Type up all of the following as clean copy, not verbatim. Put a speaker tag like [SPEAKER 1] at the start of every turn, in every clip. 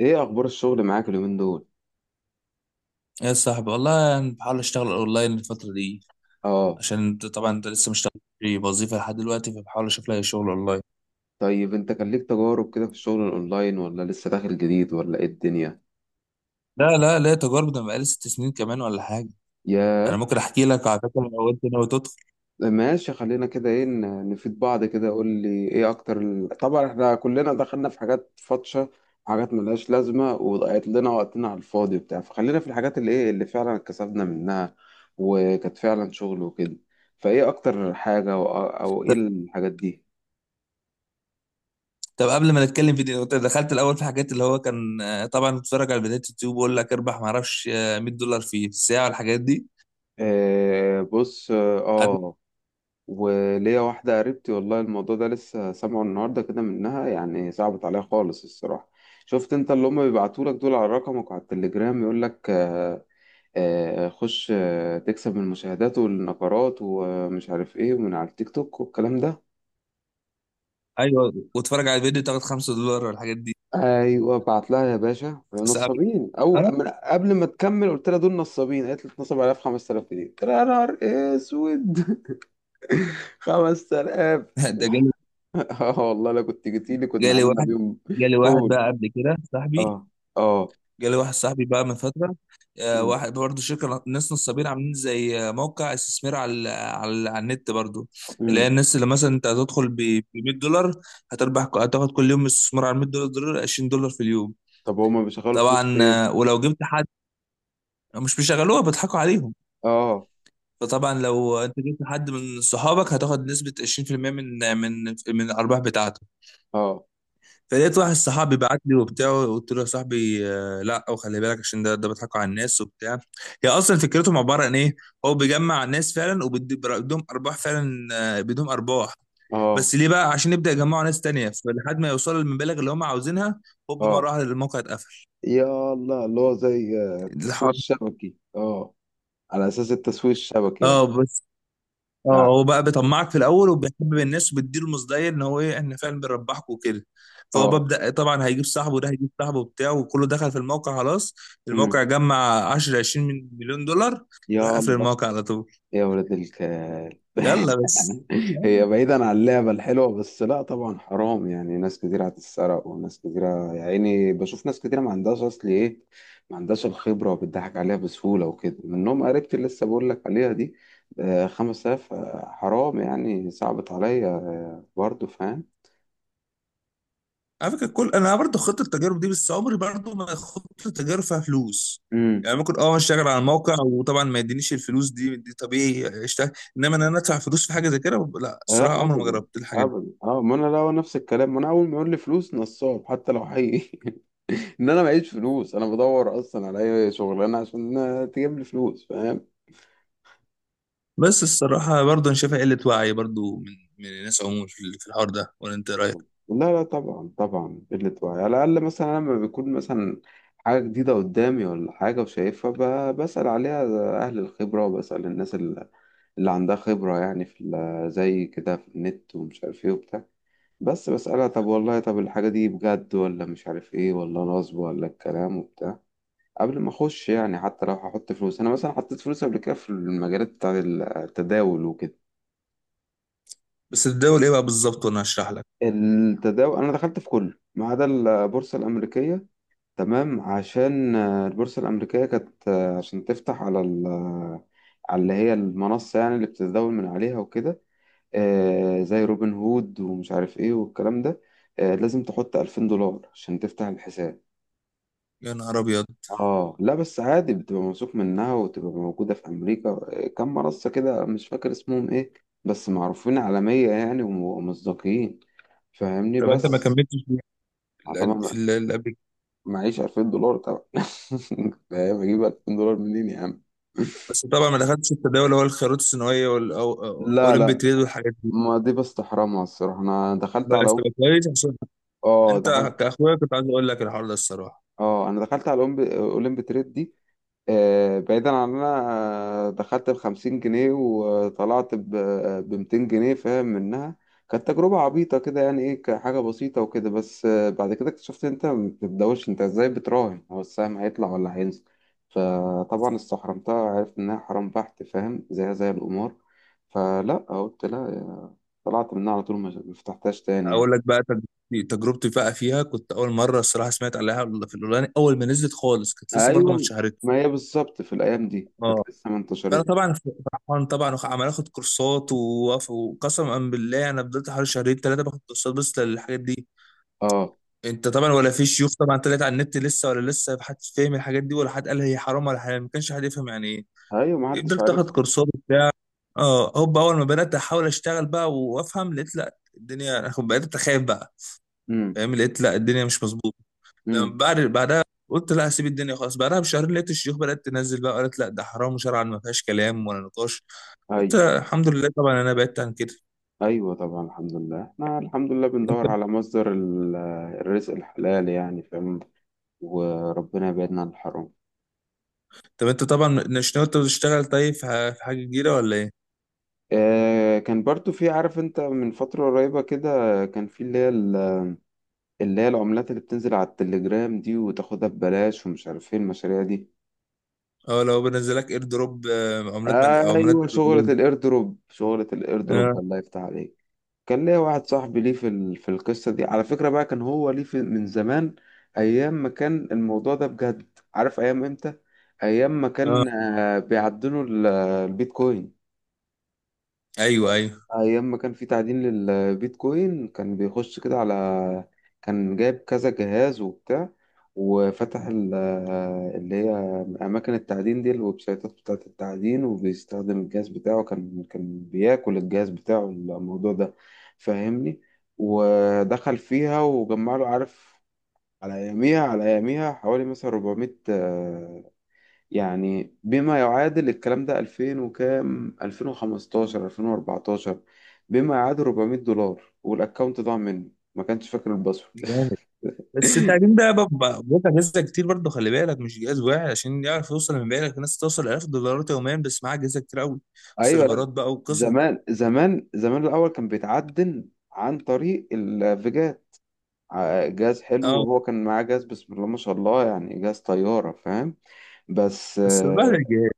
[SPEAKER 1] ايه اخبار الشغل معاك اليومين دول؟
[SPEAKER 2] يا صاحبي والله أنا بحاول أشتغل أونلاين الفترة دي
[SPEAKER 1] اه.
[SPEAKER 2] عشان طبعا أنت لسه مش في وظيفة لحد دلوقتي، فبحاول أشوف لها شغل أونلاين.
[SPEAKER 1] طيب انت كان ليك تجارب كده في الشغل الاونلاين، ولا لسه داخل جديد، ولا ايه الدنيا؟
[SPEAKER 2] لا، لا، لا تجارب، ده أنا بقالي 6 سنين كمان ولا حاجة. أنا
[SPEAKER 1] ياه.
[SPEAKER 2] ممكن أحكي لك على فكرة لو أنت ناوي تدخل.
[SPEAKER 1] ماشي، خلينا كده. ايه نفيد بعض كده. قول لي ايه اكتر طبعا احنا كلنا دخلنا في حاجات فاطشه، حاجات ملهاش لازمه وضيعت لنا وقتنا على الفاضي وبتاع، فخلينا في الحاجات اللي ايه اللي فعلا كسبنا منها وكانت فعلا شغل وكده. فايه اكتر حاجه، أو ايه الحاجات دي؟
[SPEAKER 2] طب قبل ما نتكلم في دي، أنت دخلت الأول في حاجات اللي هو كان، طبعا بتتفرج على فيديوهات يوتيوب ويقول لك اربح معرفش، $100 في الساعة والحاجات دي.
[SPEAKER 1] آه، بص،
[SPEAKER 2] قعدت-
[SPEAKER 1] اه. وليا واحدة قريبتي والله الموضوع ده لسه سامعه النهاردة كده منها، يعني صعبت عليها خالص الصراحة. شفت انت اللي هم بيبعتولك دول على رقمك وعلى التليجرام؟ يقولك خش، تكسب من المشاهدات والنقرات ومش عارف ايه ومن على التيك توك والكلام ده.
[SPEAKER 2] أيوه، واتفرج على الفيديو تاخد $5 والحاجات دي.
[SPEAKER 1] ايوه بعت لها يا باشا
[SPEAKER 2] صعب.
[SPEAKER 1] نصابين. او
[SPEAKER 2] آه،
[SPEAKER 1] من قبل ما تكمل قلت لها دول نصابين، قالت لي اتنصب عليها في 5000 جنيه، قلت لها يا نهار اسود. 5000.
[SPEAKER 2] ده جالي.
[SPEAKER 1] اه والله لو كنت جيتي لي كنا
[SPEAKER 2] جالي
[SPEAKER 1] عملنا
[SPEAKER 2] واحد.
[SPEAKER 1] بيهم.
[SPEAKER 2] جالي واحد بقى قبل كده صاحبي.
[SPEAKER 1] اه، اه.
[SPEAKER 2] جالي واحد صاحبي بقى من فترة،
[SPEAKER 1] مم.
[SPEAKER 2] واحد برضه شركة ناس نصابين عاملين زي، موقع استثمار على النت برضه. اللي هي
[SPEAKER 1] مم.
[SPEAKER 2] الناس اللي مثلا انت هتدخل ب $100، هتربح، هتاخد كل يوم استثمار على $100 $20 في اليوم.
[SPEAKER 1] طب هما بيشغلوا فلوس
[SPEAKER 2] طبعا،
[SPEAKER 1] في ايه؟
[SPEAKER 2] ولو جبت حد، مش بيشغلوها، بيضحكوا عليهم.
[SPEAKER 1] اه،
[SPEAKER 2] فطبعا لو انت جبت حد من صحابك هتاخد نسبة 20% من الارباح بتاعته.
[SPEAKER 1] اه،
[SPEAKER 2] فلقيت واحد صاحبي بعت لي وبتاع، قلت له يا صاحبي، لا، وخلي بالك عشان ده بيضحكوا على الناس وبتاع. هي اصلا فكرتهم عباره عن ايه؟ هو بيجمع الناس فعلا وبيدهم ارباح فعلا، بيديهم ارباح،
[SPEAKER 1] اه،
[SPEAKER 2] بس ليه بقى؟ عشان يبدا يجمعوا ناس تانية فلحد ما يوصلوا للمبالغ اللي هم عاوزينها، هوب مره
[SPEAKER 1] اه.
[SPEAKER 2] واحده الموقع اتقفل.
[SPEAKER 1] يا الله، اللي هو زي التسويق
[SPEAKER 2] الحر.
[SPEAKER 1] الشبكي، اه. على اساس التسويق الشبكي يعني.
[SPEAKER 2] اه، اه،
[SPEAKER 1] اه،
[SPEAKER 2] هو بقى بيطمعك في الاول وبيحبب الناس وبيديله مصداقيه ان هو ايه، احنا فعلا بنربحكم وكده. فهو
[SPEAKER 1] اه.
[SPEAKER 2] ببدا طبعا هيجيب صاحبه، ده هيجيب صاحبه بتاعه وكله دخل في الموقع خلاص.
[SPEAKER 1] مم.
[SPEAKER 2] الموقع جمع 10 20 مليون دولار، يروح
[SPEAKER 1] يا
[SPEAKER 2] قافل
[SPEAKER 1] الله.
[SPEAKER 2] الموقع على طول.
[SPEAKER 1] يا ولد الكلب
[SPEAKER 2] يلا بس.
[SPEAKER 1] هي بعيدا عن اللعبة الحلوة، بس لا طبعا حرام. يعني ناس كتير هتتسرق وناس كتير، يا عيني. بشوف ناس كتير ما عندهاش أصل، إيه، ما عندهاش الخبرة وبتضحك عليها بسهولة وكده، منهم قريبتي اللي لسه بقول لك عليها دي. 5000، حرام يعني. صعبت عليا، برضه، فاهم.
[SPEAKER 2] على فكره، كل انا برضه خطه التجارب دي، بس عمري برضه ما خطه التجارب فيها فلوس.
[SPEAKER 1] امم.
[SPEAKER 2] يعني ممكن اشتغل على الموقع وطبعا ما يدينيش الفلوس، دي طبيعي اشتغل، انما انا ادفع فلوس في حاجه زي كده، لا الصراحه
[SPEAKER 1] لا
[SPEAKER 2] عمري ما
[SPEAKER 1] أبدا،
[SPEAKER 2] جربت الحاجه دي.
[SPEAKER 1] أبدا. ما أنا لا، هو نفس الكلام. ما أنا أول ما يقول لي فلوس نصاب حتى لو حقيقي ان انا معيش فلوس. انا بدور اصلا على اي شغلانه عشان تجيب لي فلوس، فاهم.
[SPEAKER 2] بس الصراحة برضه أنا شايفها قلة وعي برضه من الناس عموما في الحوار ده، ولا أنت إيه رأيك؟
[SPEAKER 1] لا لا طبعا طبعا، قله وعي. على الاقل مثلا لما بيكون مثلا حاجه جديده قدامي ولا حاجه وشايفها، بسال عليها اهل الخبره وبسال الناس اللي عندها خبره، يعني في زي كده في النت ومش عارف ايه وبتاع. بس بسالها طب والله طب الحاجه دي بجد ولا مش عارف ايه ولا نصب ولا الكلام وبتاع، قبل ما اخش. يعني حتى لو هحط فلوس، انا مثلا حطيت فلوس قبل كده في المجالات بتاع التداول وكده.
[SPEAKER 2] بس الدول إيه بقى بالظبط وأنا هشرح لك.
[SPEAKER 1] التداول انا دخلت في كله ما عدا البورصه الامريكيه. تمام عشان البورصه الامريكيه كانت عشان تفتح على على اللي هي المنصه يعني اللي بتتداول من عليها وكده، زي روبن هود ومش عارف ايه والكلام ده. لازم تحط 2000 دولار عشان تفتح الحساب.
[SPEAKER 2] يا نهار أبيض.
[SPEAKER 1] اه لا، بس عادي بتبقى موثوق منها وتبقى موجودة في أمريكا. كم منصة كده مش فاكر اسمهم ايه، بس معروفين عالمية يعني ومصداقين، فاهمني
[SPEAKER 2] طب أنت ما
[SPEAKER 1] بس.
[SPEAKER 2] كملتش في
[SPEAKER 1] آه طبعا،
[SPEAKER 2] اللي قبل كده.
[SPEAKER 1] معيش 2000 دولار طبعا فاهم اجيب 2000 دولار منين يا عم؟
[SPEAKER 2] بس طبعا ما دخلتش في التداول اللي هو الخيارات الثانوية
[SPEAKER 1] لا
[SPEAKER 2] والأولمبي
[SPEAKER 1] لا،
[SPEAKER 2] تريد والحاجات دي.
[SPEAKER 1] ما دي بستحرمها الصراحة. انا دخلت على
[SPEAKER 2] بس يبقى كويس، عشان
[SPEAKER 1] دخلت،
[SPEAKER 2] أنت كأخويا كنت عايز أقول لك الحوار ده الصراحة.
[SPEAKER 1] اه انا دخلت على اولمب تريد دي. بعيدا عن إن انا دخلت ب50 جنيه وطلعت ب200 جنيه، فاهم منها. كانت تجربة عبيطة كده، يعني ايه كحاجة بسيطة وكده، بس بعد كده اكتشفت إن انت ما بتبدأوش. انت ازاي بتراهن هو السهم هيطلع ولا هينزل؟ فطبعا استحرمتها، عرفت انها حرام بحت، فاهم، زيها زي القمار. فلا قلت لا، طلعت منها على طول، ما فتحتهاش تاني يعني.
[SPEAKER 2] أقول لك بقى تجربتي. تجربتي فيها كنت أول مرة الصراحة سمعت عليها في الأولاني، أول ما نزلت خالص كانت لسه برضه ما
[SPEAKER 1] ايوه،
[SPEAKER 2] اتشهرتش.
[SPEAKER 1] ما هي بالظبط في الايام دي كانت لسه ما
[SPEAKER 2] فانا
[SPEAKER 1] انتشرت.
[SPEAKER 2] طبعا فرحان طبعا، عمال اخد كورسات، وقسما بالله انا فضلت حوالي شهرين 3 باخد كورسات بس للحاجات دي.
[SPEAKER 1] اه
[SPEAKER 2] انت طبعا ولا في شيوخ طبعا طلعت على النت لسه، ولا لسه حد فاهم الحاجات دي، ولا حد قال هي حرام ولا حلال، ما كانش حد يفهم يعني ايه.
[SPEAKER 1] ايوه، ما حدش
[SPEAKER 2] فضلت
[SPEAKER 1] عارف.
[SPEAKER 2] اخد كورسات وبتاع. اه، هوب اول ما بدات احاول اشتغل بقى وافهم، لقيت لا، الدنيا انا كنت بقيت اخاف بقى، فاهم؟ لقيت لا، الدنيا مش مظبوطه. لما
[SPEAKER 1] امم.
[SPEAKER 2] بعدها قلت لا هسيب الدنيا خلاص، بعدها بشهرين لقيت الشيوخ بدات تنزل بقى قالت لا ده حرام شرعا، ما فيهاش كلام ولا نقاش. قلت
[SPEAKER 1] أيوة،
[SPEAKER 2] الحمد لله، طبعا انا بعدت عن كده.
[SPEAKER 1] أيوة طبعا الحمد لله. إحنا الحمد لله بندور على مصدر الرزق الحلال يعني، فاهم. وربنا يبعدنا عن الحرام.
[SPEAKER 2] طب انت طبعا مش ناوي تشتغل طيب في حاجه جديده ولا ايه؟
[SPEAKER 1] آه كان برضو في، عارف أنت من فترة قريبة كده، كان في اللي هي اللي هي العملات اللي بتنزل على التليجرام دي وتاخدها ببلاش ومش عارف إيه المشاريع دي.
[SPEAKER 2] اه، لو بنزلك اير دروب، عملات
[SPEAKER 1] ايوه
[SPEAKER 2] عملات
[SPEAKER 1] شغلة
[SPEAKER 2] ببلاش.
[SPEAKER 1] الايردروب، شغلة
[SPEAKER 2] اه،
[SPEAKER 1] الايردروب، الله يفتح عليك. كان ليا واحد صاحبي ليه في في القصة دي على فكرة بقى. كان هو ليه في من زمان، ايام ما كان الموضوع ده بجد. عارف ايام امتى؟ ايام ما
[SPEAKER 2] اه،
[SPEAKER 1] كان بيعدنوا البيتكوين،
[SPEAKER 2] ايوه، ايوه،
[SPEAKER 1] ايام ما كان في تعدين للبيتكوين. كان بيخش كده على، كان جايب كذا جهاز وبتاع، وفتح اللي هي اماكن التعدين دي، الويب سايتات بتاعه التعدين، وبيستخدم الجهاز بتاعه. كان بياكل الجهاز بتاعه الموضوع ده، فاهمني. ودخل فيها وجمع له، عارف، على اياميها، على اياميها حوالي مثلا 400، يعني بما يعادل الكلام ده 2000 وكام، 2015، 2014، بما يعادل 400 دولار. والاكونت ضاع مني ما كانش فاكر الباسورد
[SPEAKER 2] جامد. بس التعليم ده بقى اجهزه كتير برضه، خلي بالك مش جهاز واحد. عشان يعرف يوصل لمبيعاتك، الناس توصل 1000 دولارات يوميا، بس معاها اجهزه كتير قوي.
[SPEAKER 1] ايوه لا،
[SPEAKER 2] سيرفرات بقى وقصص.
[SPEAKER 1] زمان زمان زمان الاول كان بيتعدل عن طريق الفيجات. جهاز حلو،
[SPEAKER 2] اه،
[SPEAKER 1] وهو كان معاه جهاز، بسم الله ما شاء الله، يعني جهاز طيارة، فاهم. بس
[SPEAKER 2] بس بعد الجهاز.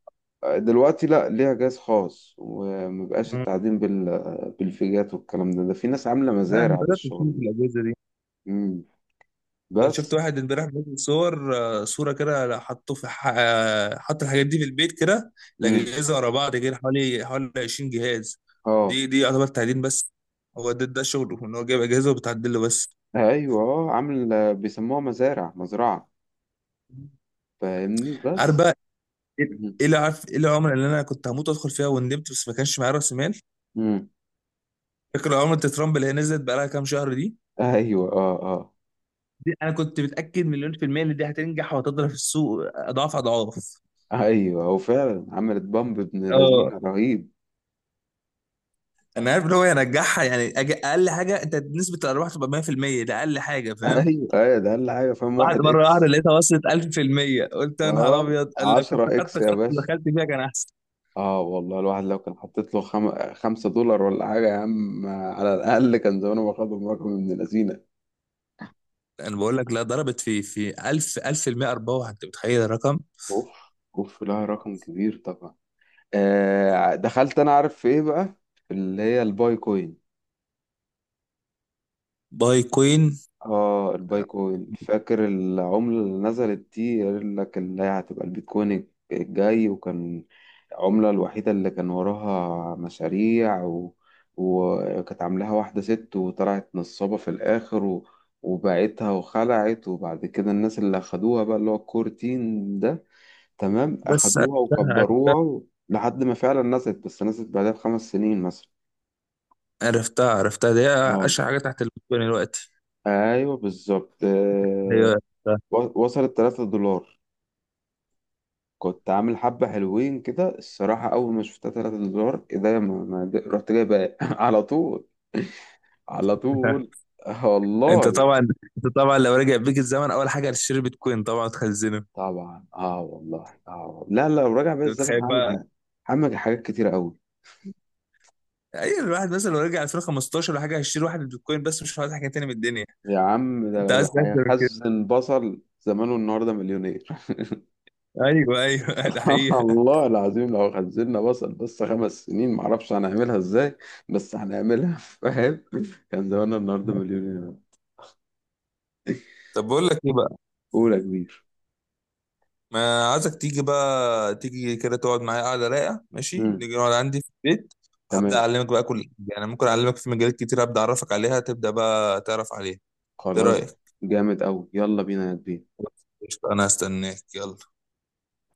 [SPEAKER 1] دلوقتي لا، ليها جهاز خاص ومبقاش
[SPEAKER 2] آه.
[SPEAKER 1] التعدين بالفيجات والكلام ده في ناس عاملة
[SPEAKER 2] لا، انا
[SPEAKER 1] مزارع
[SPEAKER 2] بدات
[SPEAKER 1] للشغل
[SPEAKER 2] اشوف
[SPEAKER 1] ده.
[SPEAKER 2] الاجهزه دي.
[SPEAKER 1] مم.
[SPEAKER 2] ده أنا شفت
[SPEAKER 1] بس.
[SPEAKER 2] واحد امبارح بينزل صور، صورة كده، حطه في حط الحاجات دي في البيت كده،
[SPEAKER 1] مم.
[SPEAKER 2] الأجهزة ورا بعض كده حوالي 20 جهاز.
[SPEAKER 1] اه.
[SPEAKER 2] دي يعتبر تعدين بس، هو ده شغله إن هو جايب أجهزة وبتعدل له بس.
[SPEAKER 1] ايوه، اه، عامل بيسموها مزارع، مزرعة، فاهمني
[SPEAKER 2] عارف
[SPEAKER 1] بس.
[SPEAKER 2] بقى إيه
[SPEAKER 1] مم.
[SPEAKER 2] إيه اللي عارف؟ إيه العملة اللي أنا كنت هموت أدخل فيها وندمت بس ما كانش معايا رأس مال؟
[SPEAKER 1] مم.
[SPEAKER 2] فاكر عملة ترامب اللي هي نزلت بقى لها كام شهر دي؟
[SPEAKER 1] ايوه، اه، اه.
[SPEAKER 2] دي أنا كنت متأكد مليون في المية إن دي هتنجح وهتضرب في السوق أضعاف أضعاف.
[SPEAKER 1] ايوه، هو فعلا عملت بامب ابن لذينه رهيب.
[SPEAKER 2] انا عارف ان هو ينجحها، يعني اقل حاجه انت نسبه الارباح تبقى 100%، ده اقل حاجه، فاهم؟
[SPEAKER 1] ايوه، ايوه، ده اقل حاجه، فاهم،
[SPEAKER 2] بعد
[SPEAKER 1] واحد
[SPEAKER 2] مره واحده
[SPEAKER 1] اكس.
[SPEAKER 2] لقيتها وصلت 1000%، قلت يا نهار
[SPEAKER 1] اه
[SPEAKER 2] ابيض، قال لك كنت
[SPEAKER 1] 10
[SPEAKER 2] خدت
[SPEAKER 1] اكس يا
[SPEAKER 2] خط
[SPEAKER 1] باشا.
[SPEAKER 2] دخلت فيها كان احسن.
[SPEAKER 1] اه والله الواحد لو كان حطيت له 5 دولار ولا حاجة يا عم، على الأقل كان زمانه باخدهم رقم من اللذينة.
[SPEAKER 2] انا بقول لك، لا ضربت في 1000% ارباح، انت متخيل الرقم؟
[SPEAKER 1] اوف، اوف. لا رقم كبير طبعا. آه دخلت، أنا عارف في إيه بقى، في اللي هي الباي كوين.
[SPEAKER 2] باي كوين.
[SPEAKER 1] اه البايكوين، فاكر العملة اللي نزلت دي؟ قال لك اللي هي هتبقى البيتكوين الجاي، وكان العملة الوحيدة اللي كان وراها مشاريع و، وكانت عاملاها واحدة ست وطلعت نصابة في الآخر و، وباعتها وخلعت. وبعد كده الناس اللي أخدوها بقى، اللي هو الكور تيم ده، تمام،
[SPEAKER 2] بس
[SPEAKER 1] أخدوها
[SPEAKER 2] عرفتها، عرفتها.
[SPEAKER 1] وكبروها و، لحد ما فعلا نزلت، بس نزلت بعدها ب5 سنين مثلا.
[SPEAKER 2] عرفتها، عرفتها دي،
[SPEAKER 1] اه،
[SPEAKER 2] اشهر حاجه تحت البيتكوين دلوقتي.
[SPEAKER 1] ايوه بالظبط،
[SPEAKER 2] ايوه، عرفتها.
[SPEAKER 1] وصلت 3 دولار. كنت عامل حبة حلوين كده الصراحة. أول ما شفتها 3 دولار، إيه ده، ما ما ده- رحت جايب على طول، على طول. آه
[SPEAKER 2] انت
[SPEAKER 1] والله
[SPEAKER 2] طبعا انت طبعا لو رجع بيك الزمن اول حاجه هتشتري بيتكوين طبعا تخزنه، انت
[SPEAKER 1] طبعا، اه والله، اه والله. لا لا لو راجع بيا الزمن،
[SPEAKER 2] متخيل
[SPEAKER 1] هعمل
[SPEAKER 2] بقى؟
[SPEAKER 1] هعمل حاجات كتيرة أوي.
[SPEAKER 2] ايوه، الواحد مثلا لو رجع 2015 ولا حاجه هيشتري واحد بيتكوين بس، مش عايز حاجه تاني من الدنيا.
[SPEAKER 1] يا عم ده
[SPEAKER 2] انت عايز
[SPEAKER 1] لو
[SPEAKER 2] اكتر من كده؟
[SPEAKER 1] هيخزن بصل زمانه النهاردة مليونير.
[SPEAKER 2] ايوه، ايوه، ده حقيقه.
[SPEAKER 1] الله العظيم، لو خزنا بصل بس 5 سنين، معرفش هنعملها ازاي، بس هنعملها فاهم. كان زماننا النهاردة مليونير.
[SPEAKER 2] طب بقول لك ايه بقى،
[SPEAKER 1] أولى كبير.
[SPEAKER 2] ما عايزك تيجي بقى، تيجي كده تقعد معايا قاعده رايقه، ماشي؟
[SPEAKER 1] مم.
[SPEAKER 2] نيجي نقعد عندي في البيت، وهبدا
[SPEAKER 1] تمام.
[SPEAKER 2] اعلمك بقى كل حاجه، انا ممكن اعلمك في مجالات كتير، ابدا اعرفك عليها تبدا بقى تعرف عليها. ايه
[SPEAKER 1] خلاص.
[SPEAKER 2] رايك؟
[SPEAKER 1] جامد أوي، يلا بينا يا كبير.
[SPEAKER 2] قشطة، انا هستناك، يلا.